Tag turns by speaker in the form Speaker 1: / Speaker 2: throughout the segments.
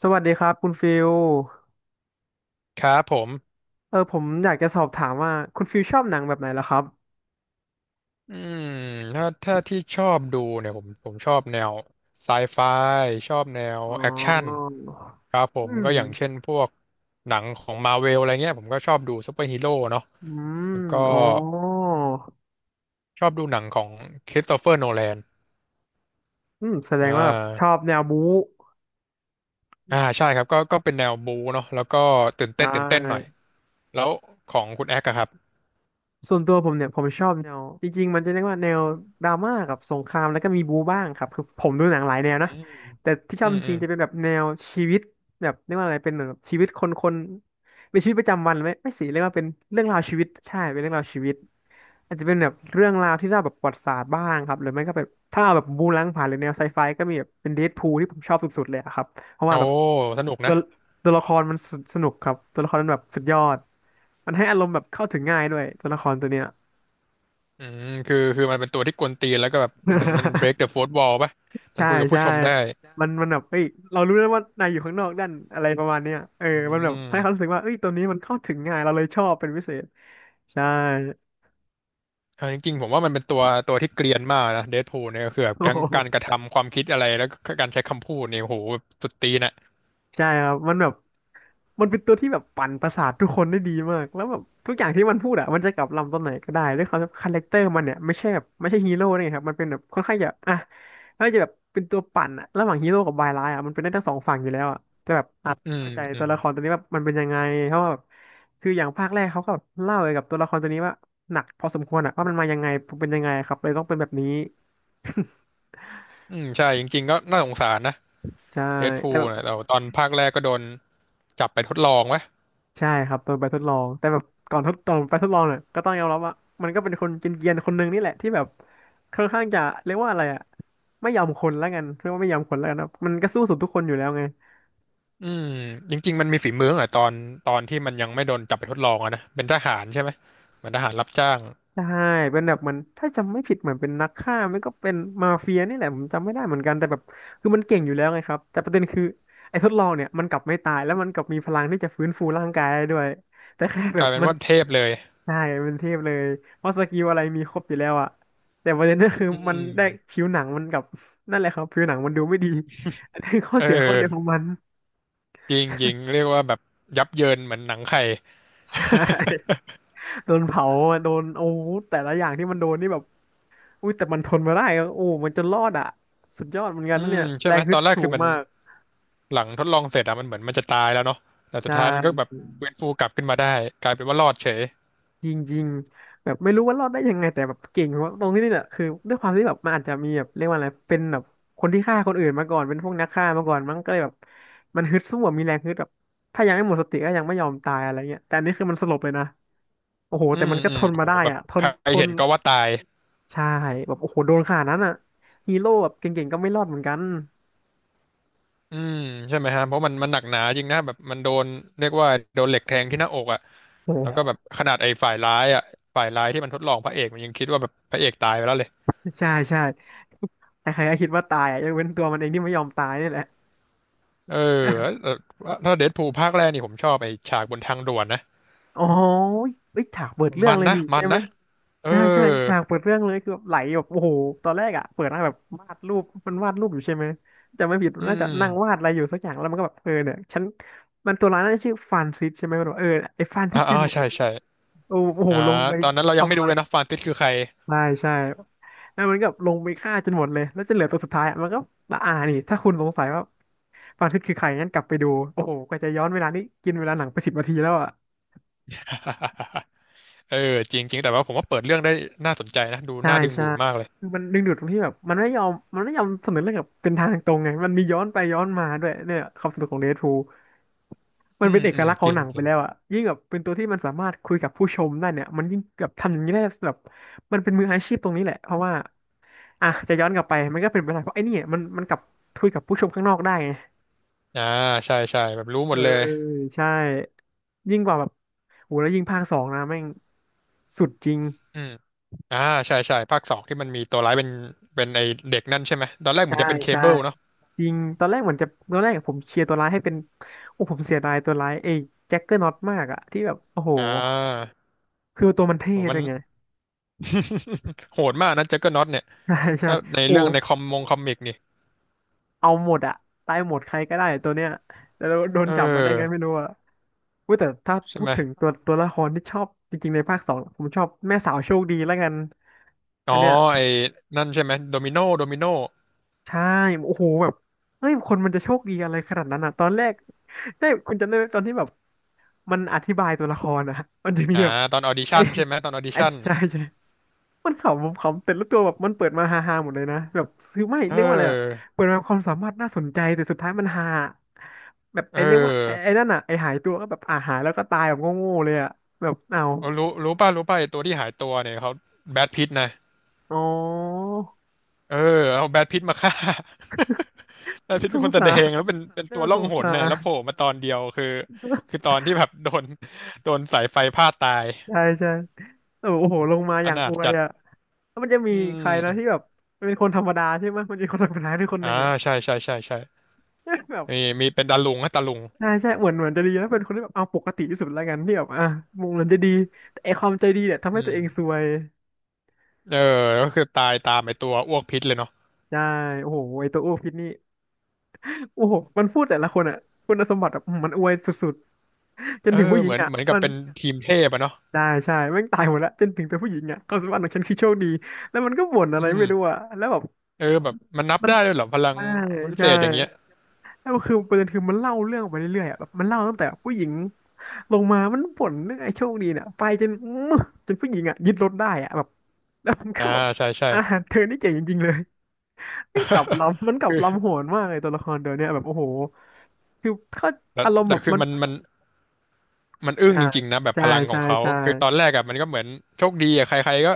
Speaker 1: สวัสดีครับคุณฟิล
Speaker 2: ครับผม
Speaker 1: ผมอยากจะสอบถามว่าคุณฟิลชอบหนังแบบไหนล่ะครับ
Speaker 2: อืมถ้าที่ชอบดูเนี่ยผมชอบแนวไซไฟชอบแนว
Speaker 1: อ๋
Speaker 2: แอคชั่น
Speaker 1: อ
Speaker 2: ครับผ
Speaker 1: อื
Speaker 2: มก็อย่างเช่น
Speaker 1: ม
Speaker 2: พวกหนังของมาเวลอะไรเงี้ยผมก็ชอบดูซูเปอร์ฮีโร่เนาะ
Speaker 1: อื
Speaker 2: แล้ว
Speaker 1: ม
Speaker 2: ก็
Speaker 1: อ๋อ
Speaker 2: ชอบดูหนังของคริสโตเฟอร์โนแลน
Speaker 1: อืมแสด
Speaker 2: อ่
Speaker 1: งว่าแบบชอ
Speaker 2: า
Speaker 1: บแนวบู๊
Speaker 2: อ่าใช่ครับก็เป็นแนวบูเนาะแล้วก็ตื่น
Speaker 1: ได
Speaker 2: เต้นตื่นเต้นหน่อย
Speaker 1: ้
Speaker 2: แล้วของคุณแอคอะครับ
Speaker 1: ส่วนตัวผมเนี่ยผมชอบแนวจริงๆมันจะเรียกว่าแนวดราม่ากับสงครามแล้วก็มีบูบ้างครับคือผมดูหนังหลายแนวนะ
Speaker 2: อืม
Speaker 1: แต่ที่ชอ
Speaker 2: อื
Speaker 1: บ
Speaker 2: ม
Speaker 1: จ
Speaker 2: อื
Speaker 1: ริง
Speaker 2: ม
Speaker 1: ๆจะเป็นแบบแนวชีวิตแบบเรียกว่าอะไรเป็นเหมือนแบบชีวิตคนเป็นชีวิตประจำวันไหมไม่สิเรียกว่าเป็นเรื่องราวชีวิตใช่เป็นเรื่องราวชีวิตอาจจะเป็นแบบเรื่องราวที่เล่าแบบประวัติศาสตร์บ้างครับหรือไม่ก็แบบถ้าเอาแบบบู๊ล้างผ่านหรือแนวไซไฟก็มีแบบเป็นเดดพูลที่ผมชอบสุดๆเลยอะครับ เพราะว่า
Speaker 2: โอ้
Speaker 1: แบบ
Speaker 2: สนุก
Speaker 1: ตั
Speaker 2: นะ
Speaker 1: วตัวละครมันสสนุกครับตัวละครมันแบบสุดยอดมันให้อารมณ์แบบเข้าถึงง่ายด้วยตัวละครตัวเนี้ย
Speaker 2: คือมันเป็นตัวที่กวนตีนแล้วก็แบบเหมือนมัน break the fourth wall ป่ะมัน
Speaker 1: ใช่
Speaker 2: คุยกับผู้
Speaker 1: ใช่
Speaker 2: ชมได้
Speaker 1: มันแบบเอ้ยเรารู้แล้วว่านายอยู่ข้างนอกด้านอะไรประมาณเนี้ย
Speaker 2: อื
Speaker 1: มันแบบให้เขารู้
Speaker 2: ม
Speaker 1: สึกว่าเอ้ยตัวนี้มันเข้าถึงง่ายเราเลยชอบเป็นพิเศษใช่
Speaker 2: เอาจริงๆผมว่ามันเป็นตัวตัวที่เกรียนมากนะเดดพูลเนี่ยก็คือแบบทั้งการกระทำความคิดอะไรแล้วก็การใช้คำพูดเนี่ยโหแบบสุดตีนอ่ะ
Speaker 1: ใช่ครับมันแบบ มันเป็นตัวที่แบบปั่นประสาททุกคนได้ดีมากแล้วแบบทุกอย่างที่มันพูดอะมันจะกลับลำตอนไหนก็ได้ด้วยความที่คาแรคเตอร์มันเนี่ยไม่ใช่ฮีโร่นี่ครับมันเป็นแบบค่อนข้างจะอ่ะแล้วจะแบบเป็นตัวปั่นอะระหว่างฮีโร่กับบายร้ายอะมันเป็นได้ทั้งสองฝั่งอยู่แล้วอะแต่แบบอาจ
Speaker 2: อืม
Speaker 1: เข้าใจ
Speaker 2: อื
Speaker 1: ตัว
Speaker 2: ม
Speaker 1: ละครตัวนี้ว่ามันเป็นยังไงเพราะว่าแบบคืออย่างภาคแรกเขาก็แบบเล่าเกี่ยวกับตัวละครตัวนี้ว่าหนักพอสมควรอะว่ามันมายังไงเป็นยังไงครับเลยต้องเป็นแบบนี้
Speaker 2: อืมใช่จริงๆก็น่าสงสารนะ
Speaker 1: ใช่
Speaker 2: เดดพู
Speaker 1: แต่
Speaker 2: ล
Speaker 1: แบบ
Speaker 2: นะแต่ว่าตอนภาคแรกก็โดนจับไปทดลองวะ
Speaker 1: ใช่ครับตอนไปทดลองแต่แบบก่อนทดตอนไปทดลองเนี่ยก็ต้องยอมรับว่ามันก็เป็นคนเกรียนๆคนหนึ่งนี่แหละที่แบบค่อนข้างจะเรียกว่าอะไรอะไม่ยอมคนแล้วกันเรียกว่าไม่ยอมคนแล้วกันครับมันก็สู้สุดทุกคนอยู่แล้วไง
Speaker 2: อืมจริงๆมันมีฝีมืออ่ะตอนที่มันยังไม่โดนจับไปทดลองอะนะเป็นทหารใช่ไหมเหมือนทหารรับจ้าง
Speaker 1: ใช่เป็นแบบเหมือนถ้าจำไม่ผิดเหมือนเป็นนักฆ่าไม่ก็เป็นมาเฟียนี่แหละผมจำไม่ได้เหมือนกันแต่แบบคือมันเก่งอยู่แล้วไงครับแต่ประเด็นคือไอ้ทดลองเนี่ยมันกลับไม่ตายแล้วมันกลับมีพลังที่จะฟื้นฟูร่างกายได้ด้วยแต่แค่แบ
Speaker 2: กลา
Speaker 1: บ
Speaker 2: ยเป็น
Speaker 1: มัน
Speaker 2: ว่าเทพเลย
Speaker 1: ใช่เป็นเทพเลย เพราะสกิลอะไรมีครบอยู่แล้วอะ แต่ประเด็นก็คือ
Speaker 2: อื
Speaker 1: มัน
Speaker 2: ม
Speaker 1: ได้ผิวหนังมันกับ นั่นแหละครับผิวหนังมันดูไม่ดี อันนี้ข้อ
Speaker 2: เอ
Speaker 1: เสียข้อเดียวของ
Speaker 2: อ
Speaker 1: มัน
Speaker 2: จริงจริงเรียกว่าแบบยับเยินเหมือนหนังไข่
Speaker 1: ใช่ โดนเผาอะโดนโอ้โหแต่ละอย่างที่มันโดนนี่แบบอุ้ยแต่มันทนมาได้อะโอ้มันจนรอดอะ สุดยอดเหมือนกัน
Speaker 2: อื
Speaker 1: นะ
Speaker 2: ม
Speaker 1: เนี่ย
Speaker 2: ใช่
Speaker 1: แร
Speaker 2: ไหม
Speaker 1: งฮึ
Speaker 2: ตอ
Speaker 1: ด
Speaker 2: นแรก
Speaker 1: สู
Speaker 2: คือ
Speaker 1: ง
Speaker 2: มัน
Speaker 1: มาก
Speaker 2: หลังทดลองเสร็จอะมันเหมือนมันจะตายแล้วเนาะแต่สุด
Speaker 1: ใช่
Speaker 2: ท้ายมันก็แบบฟื้นฟูกลับขึ้นมาได้กลายเป็นว่ารอดเฉย
Speaker 1: จริงๆแบบไม่รู้ว่ารอดได้ยังไงแต่แบบเก่งเพราะตรงที่นี่แหละคือด้วยความที่แบบมันอาจจะมีแบบเรียกว่าอะไรเป็นแบบคนที่ฆ่าคนอื่นมาก่อนเป็นพวกนักฆ่ามาก่อนมันก็เลยแบบมันฮึดสู้อะมีแรงฮึดแบบถ้ายังไม่หมดสติก็ยังไม่ยอมตายอะไรเงี้ยแต่อันนี้คือมันสลบเลยนะโอ้โห
Speaker 2: อื
Speaker 1: แต่
Speaker 2: ม
Speaker 1: มันก็
Speaker 2: อื
Speaker 1: ท
Speaker 2: ม
Speaker 1: น
Speaker 2: โอ้
Speaker 1: มา
Speaker 2: โห
Speaker 1: ได้
Speaker 2: แบบ
Speaker 1: อ่ะท
Speaker 2: ใค
Speaker 1: น
Speaker 2: ร
Speaker 1: ท
Speaker 2: เห็
Speaker 1: น
Speaker 2: นก็ว่าตาย
Speaker 1: ใช่แบบโอ้โหโดนขนาดนั้นอ่ะฮีโร่แบบเก่งๆก็ไม่รอดเหมือนกัน
Speaker 2: อืมใช่ไหมฮะเพราะมันหนักหนาจริงนะแบบมันโดนเรียกว่าโดนเหล็กแทงที่หน้าอกอ่ะ
Speaker 1: โอ้
Speaker 2: แล้วก็
Speaker 1: โห
Speaker 2: แบบขนาดไอ้ฝ่ายร้ายอ่ะฝ่ายร้ายที่มันทดลองพระเอกมันยังคิดว่าแบบพระเอกตายไปแล้วเลย
Speaker 1: ใช่ใช่ใครๆก็คิดว่าตายอ่ะยกเว้นตัวมันเองที่ไม่ยอมตายนี่แหละ
Speaker 2: เออแล้วแล้วถ้าเดดพูลภาคแรกนี่ผมชอบไอ้ฉากบนทางด่วนนะ
Speaker 1: อ๋อเอ้ยฉากเปิดเรื่อง
Speaker 2: มัน
Speaker 1: เลย
Speaker 2: นะ
Speaker 1: นี่
Speaker 2: มั
Speaker 1: ใช่
Speaker 2: น
Speaker 1: ไหม
Speaker 2: นะ เอ
Speaker 1: ใช่ใช่
Speaker 2: อ
Speaker 1: ฉากเปิดเรื่องเลยคือแบบไหลแบบโอ้โหตอนแรกอ่ะเปิดมาแบบวาดรูปมันวาดรูปอยู่ใช่ไหมจะไม่ผิด
Speaker 2: อื
Speaker 1: มันน่าจะนั่งวาด
Speaker 2: ม
Speaker 1: อะไรอยู่สักอย่างแล้วมันก็แบบเออเนี่ยฉันมันตัวร้ายน่าจะชื่อฟานซิสใช่ไหมมันบอกเออไอ้ฟานซิ
Speaker 2: อ่า
Speaker 1: สอ
Speaker 2: อ่า
Speaker 1: ยู่ไหน
Speaker 2: ใช่ใช่
Speaker 1: โอ้โอ้โห
Speaker 2: อ่า
Speaker 1: ลงไป
Speaker 2: ตอนนั้นเรายังไม่
Speaker 1: ทำ
Speaker 2: รู้
Speaker 1: ลา
Speaker 2: เล
Speaker 1: ย
Speaker 2: ยนะ ฟานติสคือใคร
Speaker 1: ใช่ใช่แล้วมันก็ลงไปฆ่าจนหมดเลยแล้วจะเหลือตัวสุดท้ายอะมันก็ละอานี่ถ้าคุณสงสัยว่าฟานซิสคือใครงั้นกลับไปดูโอ้โหกว่าจะย้อนเวลานี้กินเวลาหนังไป10 นาทีแล้วอ่ะ
Speaker 2: เออจริงจริง แต่ว่าผมว่าเปิดเรื่องได้น่าสนใจนะดู
Speaker 1: ใช่
Speaker 2: น่าดึง
Speaker 1: ใช่
Speaker 2: ดูดมากเลย
Speaker 1: คือมันดึงดูดตรงที่แบบมันไม่ยอมเสนอเรื่องแบบเป็นทางตรงไงมันมีย้อนไปย้อนมาด้วยเนี่ยความสนุกของเดดพูลมั
Speaker 2: อื
Speaker 1: นเป็น
Speaker 2: ม
Speaker 1: เอ
Speaker 2: อื
Speaker 1: ก
Speaker 2: ม
Speaker 1: ลักษณ์ข
Speaker 2: จ
Speaker 1: อง
Speaker 2: ริ
Speaker 1: ห
Speaker 2: ง
Speaker 1: นัง
Speaker 2: จ
Speaker 1: ไป
Speaker 2: ริง
Speaker 1: แล้วอะยิ่งแบบเป็นตัวที่มันสามารถคุยกับผู้ชมได้เนี่ยมันยิ่งแบบทำอย่างนี้ได้แบบมันเป็นมืออาชีพตรงนี้แหละเพราะว่าอ่ะจะย้อนกลับไปมันก็เป็นไปได้เพราะไอ้นี่มันกลับคุยกับผู้ชมข้างนอกได้ไง
Speaker 2: อ่าใช่ใช่แบบรู้ห
Speaker 1: เอ
Speaker 2: มด
Speaker 1: อ
Speaker 2: เลย
Speaker 1: ใช่ยิ่งกว่าแบบโหแล้วยิ่งภาคสองนะแม่งสุดจริง
Speaker 2: อืมอ่าใช่ใช่ภาคสองที่มันมีตัวร้ายเป็นเป็นไอเด็กนั่นใช่ไหม ตอนแรกเหมือ
Speaker 1: ใช่
Speaker 2: นจะเป็นเค
Speaker 1: ใช่
Speaker 2: เบิลเนาะ
Speaker 1: จริง ตอนแรกเหมือนจะตอนแรกผมเชียร์ตัวร้ายให้เป็น โอ้ผมเสียดายตัวร้ายเอ้แจ็คเกอร์น็อตมากอะที่แบบโอ้โห
Speaker 2: อ่า
Speaker 1: คือตัวมันเท่
Speaker 2: ผมมั
Speaker 1: ด้
Speaker 2: น
Speaker 1: วยไง
Speaker 2: โหดมากนะแจ็คเกอร์น็อตเนี่ย
Speaker 1: ใช่ใช่
Speaker 2: ถ้าใน
Speaker 1: โอ้
Speaker 2: เรื่องในคอมมงคอมิกนี่
Speaker 1: เอาหมดอะตายหมดใครก็ได้ตัวเนี้ยแต่เราโดน
Speaker 2: เออ
Speaker 1: จับมาได้ไงไม่รู้อะเว้ยแต่ถ้า
Speaker 2: ใช่
Speaker 1: พู
Speaker 2: ไห
Speaker 1: ด
Speaker 2: ม
Speaker 1: ถึงตัวละครที่ชอบจริงๆในภาคสองผมชอบแม่สาวโชคดีแล้วกัน
Speaker 2: อ๋
Speaker 1: อั
Speaker 2: อ
Speaker 1: นเนี้ย
Speaker 2: ไอ้นั่นใช่ไหมโดมิโน
Speaker 1: ใช่โอ้โหแบบเฮ้ยคนมันจะโชคดีอะไรขนาดนั้นอ่ะตอนแรกได้คุณจำได้ไหมตอนที่แบบมันอธิบายตัวละครอ่ะมันจะมี
Speaker 2: อ่า
Speaker 1: แบบ
Speaker 2: ตอนออดิ
Speaker 1: ไอ้
Speaker 2: ชั่นใช่ไหมตอนออดิ
Speaker 1: ไอ้
Speaker 2: ชั่น
Speaker 1: ใช่มันขำผมขำแต่ละตัวแบบมันเปิดมาฮาๆหมดเลยนะแบบซือไม่
Speaker 2: เ
Speaker 1: เรียกว่าอะไรอะ
Speaker 2: ออ
Speaker 1: เปิดมาความสามารถน่าสนใจแต่สุดท้ายมันฮาแบบ
Speaker 2: เอ
Speaker 1: ไอ้เรียกว่าไอ้
Speaker 2: อ
Speaker 1: นั่นอ่ะไอ้หายตัวก็แบบอ่าหายแล้วก็ตายแบบโง่ๆเลยอ่ะแบบเอา
Speaker 2: เออรู้ป่ะไอตัวที่หายตัวเนี่ยเขาแบทพิตนะ
Speaker 1: อ๋อ
Speaker 2: เออเอาแบทพิตมาฆ่า แบทพิต
Speaker 1: ส
Speaker 2: เป็น
Speaker 1: ง
Speaker 2: คนแส
Speaker 1: สา
Speaker 2: ด
Speaker 1: ร
Speaker 2: งแล้วเป็นเป็นตั
Speaker 1: น่า
Speaker 2: วล่
Speaker 1: ส
Speaker 2: อง
Speaker 1: ง
Speaker 2: หน
Speaker 1: สา
Speaker 2: น่ะแล้ว
Speaker 1: ร
Speaker 2: โผล่มาตอนเดียวคือคือต อนที่แบบ โดนโดนสายไฟพาดตาย
Speaker 1: ใช่โอ้โหลงมาอ
Speaker 2: อ
Speaker 1: ย่าง
Speaker 2: นา
Speaker 1: อ
Speaker 2: ถ
Speaker 1: วย
Speaker 2: จัด
Speaker 1: อ่ะ แล้วมันจะมี
Speaker 2: อื
Speaker 1: ใครนะที่
Speaker 2: ม
Speaker 1: แบบเป็นคนธรรมดาใช่ไหมมันจะมีคนธรรมดาด้วยคนห
Speaker 2: อ่า
Speaker 1: นึ่งอะ
Speaker 2: ใช่
Speaker 1: แบบ
Speaker 2: มีเป็นตาลุงฮะตาลุง
Speaker 1: ใช่เหมือนจะดีนะเป็นคนที่แบบเอาปกติที่สุดแล้วกันที่แบบอ่ะมองเหมือนจะดีแต่ไอความใจดีเนี่ยทำ
Speaker 2: อื
Speaker 1: ให้ตัวเอ
Speaker 2: ม
Speaker 1: งซวย
Speaker 2: เออก็คือตายตามไอตัวอ้วกพิษเลยเนาะ
Speaker 1: ใช่โอ้โหไอตัวอ้วกพิษนี่โอ้โหมันพูดแต่ละคนอะคุณสมบัติแบบมันอวยสุดๆจน
Speaker 2: เอ
Speaker 1: ถึง
Speaker 2: อ
Speaker 1: ผู้หญิ
Speaker 2: เห
Speaker 1: ง
Speaker 2: มือน
Speaker 1: อะ
Speaker 2: เหมือนกั
Speaker 1: มั
Speaker 2: บ
Speaker 1: น
Speaker 2: เป็นทีมเทพอะเนาะ
Speaker 1: ได้ใช่แม่งตายหมดแล้วจนถึงตัวผู้หญิงอะความสามารถของฉันคือโชคดีแล้วมันก็บ่นอะ
Speaker 2: อื
Speaker 1: ไรไม่
Speaker 2: ม
Speaker 1: รู้อะแล้วแบบ
Speaker 2: เออแบบมันนับ
Speaker 1: มัน
Speaker 2: ได้ด้วยเหรอพลัง
Speaker 1: ใช่
Speaker 2: พิเศ
Speaker 1: ใช่
Speaker 2: ษอย่างเงี้ย
Speaker 1: แล้วคือประเด็นคือมันเล่าเรื่องไปเรื่อยๆอ่ะแบบมันเล่าตั้งแต่ผู้หญิงลงมามันบ่นเรื่องไอ้โชคดีเนี่ยไปจน อื้อจนผู้หญิงอ่ะยึดรถได้อ่ะแบบแล้วมันก็
Speaker 2: อ่า
Speaker 1: แบบ
Speaker 2: ใช่ใช่
Speaker 1: อ่าเธอนี่เจ๋งจริงๆเลยมันกลับลำมันกลับ
Speaker 2: คื
Speaker 1: ลำ
Speaker 2: อ
Speaker 1: โหนมากเลยตัวละครตัวเนี้ยแบบโอ้โหคือเขา
Speaker 2: แต่
Speaker 1: อารมณ์แบ
Speaker 2: แต่
Speaker 1: บ
Speaker 2: คือ
Speaker 1: มัน
Speaker 2: มันอึ้ง
Speaker 1: อ่า
Speaker 2: จริงๆนะแบบ
Speaker 1: ใช่
Speaker 2: พลังข
Speaker 1: ใช่
Speaker 2: องเขา
Speaker 1: ใช่
Speaker 2: คือตอนแรกอะมันก็เหมือนโชคดีอะใครๆก็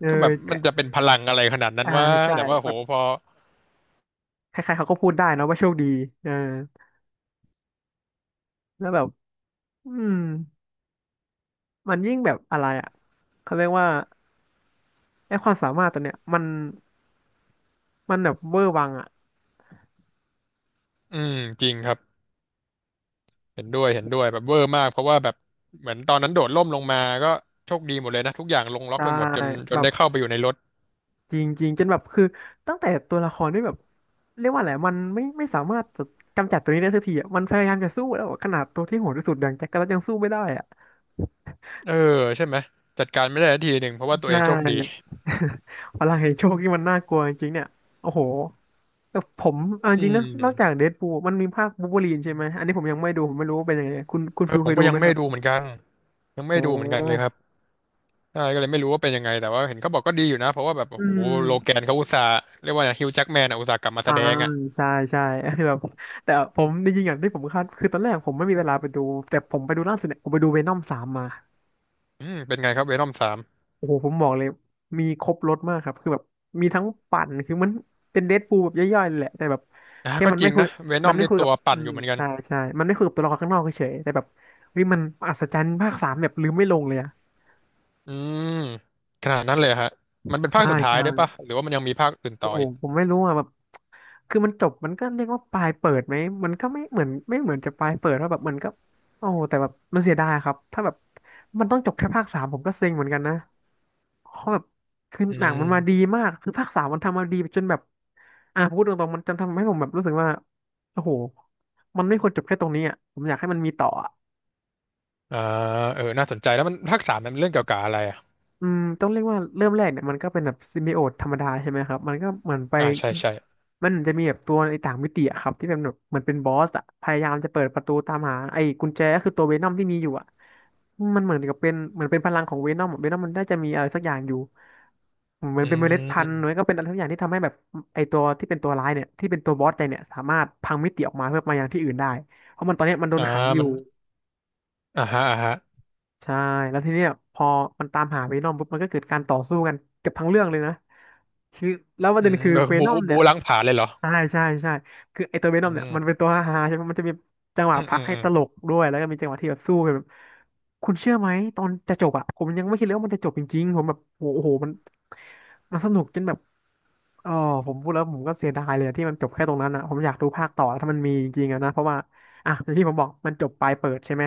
Speaker 1: เออ
Speaker 2: แบบ
Speaker 1: แต่
Speaker 2: มันจะเป็นพลังอะไรขนาดนั้น
Speaker 1: อ่า
Speaker 2: ว่า
Speaker 1: ใช่
Speaker 2: แต่ว่า
Speaker 1: แบ
Speaker 2: โห
Speaker 1: บ
Speaker 2: พอ
Speaker 1: ใครๆเขาก็พูดได้นะว่าโชคดีเออแล้วแบบอืมมันยิ่งแบบอะไรอ่ะเขาเรียกว่าไอ้ความสามารถตัวเนี้ยมัน มันแบบเวอร์วังอ่ะ
Speaker 2: อืมจริงครับเห็นด้วยแบบเวอร์มากเพราะว่าแบบเหมือนตอนนั้นโดดร่มลงมาก็โชคดีหมดเลยนะทุกอย่างลงล็อก
Speaker 1: ใช่
Speaker 2: ไปหมดจนจ
Speaker 1: แบ
Speaker 2: น
Speaker 1: บ
Speaker 2: ได้เข้าไปอยู่ในรถ
Speaker 1: จริงๆจนแบบคือตั้งแต่ตัวละครที่แบบเรียกว่าอะไรมันไม่สามารถจะกำจัดตัวนี้ได้สักทีอ่ะมันพยายามจะสู้แล้วอะขนาดตัวที่โหดที่สุดอย่างแจ็คก็ยังสู้ไม่ได้อ่ะ
Speaker 2: เออใช่ไหมจัดการไม่ได้สักทีหนึ่งเพราะว่าตั
Speaker 1: ใช
Speaker 2: วเองโชคดี
Speaker 1: ่ พลังแห่งโชคที่มันน่ากลัวจริงๆเนี่ยโอ้โหแต่ผมเอาจ
Speaker 2: อื
Speaker 1: ริงนะ
Speaker 2: ม
Speaker 1: นอกจากเดดพูลมันมีภาคบูล์ฟเวอรีนใช่ไหมอันนี้ผมยังไม่ดูผมไม่รู้ว่าเป็นยังไงคุณ
Speaker 2: เอ
Speaker 1: ฟิ
Speaker 2: อ
Speaker 1: ล
Speaker 2: ผ
Speaker 1: เค
Speaker 2: ม
Speaker 1: ย
Speaker 2: ก็
Speaker 1: ดู
Speaker 2: ยั
Speaker 1: ไหม
Speaker 2: งไม่
Speaker 1: ครั
Speaker 2: ดู
Speaker 1: บ
Speaker 2: เหมือนกันยังไม่
Speaker 1: อ๋อ
Speaker 2: ดูเหมือนกันเลยครับ ใช่ก็เลยไม่รู้ว่าเป็นยังไงแต่ว่าเห็นเขาบอกก็ดีอยู่นะเพราะว่าแบบ
Speaker 1: อื
Speaker 2: โอ้โห
Speaker 1: ม
Speaker 2: โลแกนเขาอุตส่าห์เรียกว่าฮิวแจ็คแมนอ่ะอุตส่าห์กลับมาแส
Speaker 1: อ่า
Speaker 2: ดงอ่ะ
Speaker 1: ใช่ใช่ แบบแต่ผมจริงๆอย่างที่ผมคาดคือตอนแรกผมไม่มีเวลาไปดูแต่ผมไปดูล่าสุดเนี่ยผมไปดูเวนอมสามมา
Speaker 2: อืมเป็นไงครับเวนอมสาม
Speaker 1: โอ้โหผมบอกเลยมีครบรสมากครับคือแบบมีทั้งปั่นคือมันเป็นเดดพูลแบบย่อยๆเลยแหละแต่แบบ
Speaker 2: อ่ะ
Speaker 1: แค่
Speaker 2: ก็
Speaker 1: มัน
Speaker 2: จ
Speaker 1: ไม่
Speaker 2: ริง
Speaker 1: คุย
Speaker 2: นะเวน
Speaker 1: มั
Speaker 2: อ
Speaker 1: น
Speaker 2: ม
Speaker 1: ไม่
Speaker 2: นี่
Speaker 1: คุยกั
Speaker 2: ตั
Speaker 1: บ
Speaker 2: วปั่นอยู่เหมือนกัน
Speaker 1: ใช่มันไม่คุยกับตัวละครข้างนอกเฉยๆแต่แบบเฮ้ยมันอัศจรรย์ภาคสามแบบลืมไม่ลงเลยอะ
Speaker 2: อืมขนาดนั้นเลยฮะมันเป็นภาค
Speaker 1: ใช่
Speaker 2: สุดท้าย
Speaker 1: ใช่
Speaker 2: ด้วยปะหรือว่ามันยังมีภาคอื่น
Speaker 1: โอ้
Speaker 2: ต่อ
Speaker 1: โห
Speaker 2: อีก
Speaker 1: ผมไม่รู้อ่ะแบบคือมันจบมันก็เรียกว่าปลายเปิดไหมมันก็ไม่เหมือนจะปลายเปิดว่าแบบมันก็โอ้โหแต่แบบมันเสียดายครับถ้าแบบมันต้องจบแค่ภาคสามผมก็เซ็งเหมือนกันนะเพราะแบบคือ
Speaker 2: อื
Speaker 1: หนังมันมาดี
Speaker 2: ม
Speaker 1: มากคือภาคสามมันทำมาดีจนแบบอ่ะพูดตรงๆมันจนทำให้ผมแบบรู้สึกว่าโอ้โหมันไม่ควรจบแค่ตรงนี้อ่ะผมอยากให้มันมีต่ออ่ะ
Speaker 2: อ่าเออน่าสนใจแล้วมันภาคสามมันเรื่องเกี่ยวกับอะไรอ่ะ
Speaker 1: อืมต้องเรียกว่าเริ่มแรกเนี่ยมันก็เป็นแบบซิมบิโอตธรรมดาใช่ไหมครับมันก็เหมือนไป
Speaker 2: อ่าใช่ใช่
Speaker 1: มันจะมีแบบตัวในต่างมิติอะครับที่เป็นแบบเหมือนเป็นบอสอะพยายามจะเปิดประตูตามหาไอ้กุญแจก็คือตัวเวนอมที่มีอยู่อะมันเหมือนกับเป็นเหมือนเป็นพลังของเวนอมมันน่าจะมีอะไรสักอย่างอยู่เหมือน
Speaker 2: อื
Speaker 1: เป็นเมล็ดพันธุ์หรือ
Speaker 2: ม
Speaker 1: ก็เป็นอะไรสักอย่างที่ทำให้แบบไอ้ตัวที่เป็นตัวร้ายเนี่ยที่เป็นตัวบอสใจเนี่ยสามารถพังมิติออกมาเพื่อมายังที่อื่นได้เพราะมันตอนเนี้ยมันโดน
Speaker 2: อ่า
Speaker 1: ขังอยู่
Speaker 2: มันอ่าฮะ
Speaker 1: ใช่แล้วทีเนี้ยพอมันตามหาเวนอมปุ๊บมันก็เกิดการต่อสู้กันเกือบทั้งเรื่องเลยนะคือแล้วประ
Speaker 2: อื
Speaker 1: เด็น
Speaker 2: ม
Speaker 1: คือ
Speaker 2: เออ
Speaker 1: เวนอม
Speaker 2: บู
Speaker 1: เนี่ย
Speaker 2: ล้างผลาญเลยเหรอ
Speaker 1: ใช่ใช่ใช่คือไอตัวเวนอ
Speaker 2: อื
Speaker 1: มเนี่ยมั
Speaker 2: ม
Speaker 1: นเป็นตัวฮาๆใช่ไหมมันจะมีจังห
Speaker 2: อื
Speaker 1: วะ
Speaker 2: ม
Speaker 1: พั
Speaker 2: อื
Speaker 1: ก
Speaker 2: ม
Speaker 1: ให้
Speaker 2: อืม
Speaker 1: ตลกด้วยแล้วก็มีจังหวะที่แบบสู้กันแบบคุณเชื่อไหมตอนจะจบอะผมยังไม่คิดเลยว่ามันจะจบจริงๆผมแบบโอ้โหมันสนุกจนแบบเออผมพูดแล้วผมก็เสียดายเลยอะที่มันจบแค่ตรงนั้นอะผมอยากดูภาคต่อถ้ามันมีจริงๆอะนะเพราะว่าอ่ะอย่างที่ผมบอกมันจบปลายเปิดใช่ไหม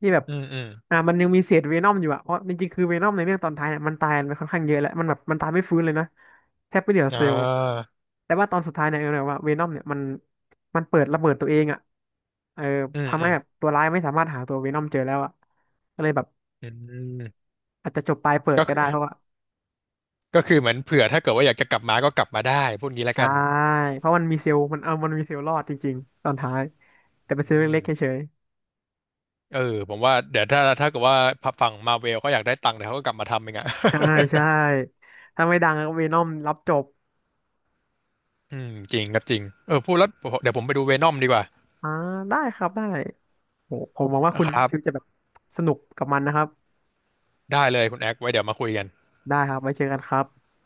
Speaker 1: ที่แบบ
Speaker 2: อืม
Speaker 1: อ่ามันยังมีเศษเวนอมอยู่อะเพราะจริงๆคือเวนอมในเรื่องตอนท้ายเนี่ยมันตายไปค่อนข้างเยอะแล้วมันแบบมันตายไม่ฟื้นเลยนะแทบไม่เหลือ
Speaker 2: อ่
Speaker 1: เซลล์
Speaker 2: า
Speaker 1: แต่ว่าตอนสุดท้ายเนี่ยเออแบบว่าเวนอมเนี่ยมันเปิดระเบิดตัวเองอะเออ
Speaker 2: อืม
Speaker 1: ทำ
Speaker 2: อื
Speaker 1: ให้
Speaker 2: ม
Speaker 1: แบบตัวร้ายไม่สามารถหาตัวเวนอมเจอแล้วอะก็เลยแบบ
Speaker 2: อืม
Speaker 1: อาจจะจบปลายเปิด
Speaker 2: ก็
Speaker 1: ก็
Speaker 2: คือ
Speaker 1: ได้เพราะว่า
Speaker 2: ก็คือเหมือนเผื่อถ้าเกิดว่าอยากจะกลับมาก็กลับมาได้พูดงี้แล้ว
Speaker 1: ใช่
Speaker 2: กัน
Speaker 1: เพราะมันมีเซลล์มันมีเซลล์รอดจริงๆตอนท้ายแต่เป็นเซลล์
Speaker 2: อื
Speaker 1: เล็
Speaker 2: ม
Speaker 1: กๆเฉย
Speaker 2: เออผมว่าเดี๋ยวถ้าเกิดว่าฝั่งมาเวลเขาอยากได้ตังค์เดี๋ยวเขาก็กลับมาทำเองอะ
Speaker 1: ๆใช่ใช่ ถ้าไม่ดังก็เวนอมรับจบ
Speaker 2: อืมจริงครับจริงเออพูดแล้วเดี๋ยวผมไปดูเวนอมดีกว่า
Speaker 1: อ่าได้ครับได้ โหผมหวังว่าคุณ
Speaker 2: ครั
Speaker 1: ฟิว
Speaker 2: บ
Speaker 1: จะแบบสนุกกับมันนะครับ
Speaker 2: ได้เลยคุณแอคไว้เดี๋ยวมาคุยกัน
Speaker 1: ได้ครับไว้เจอกันครับ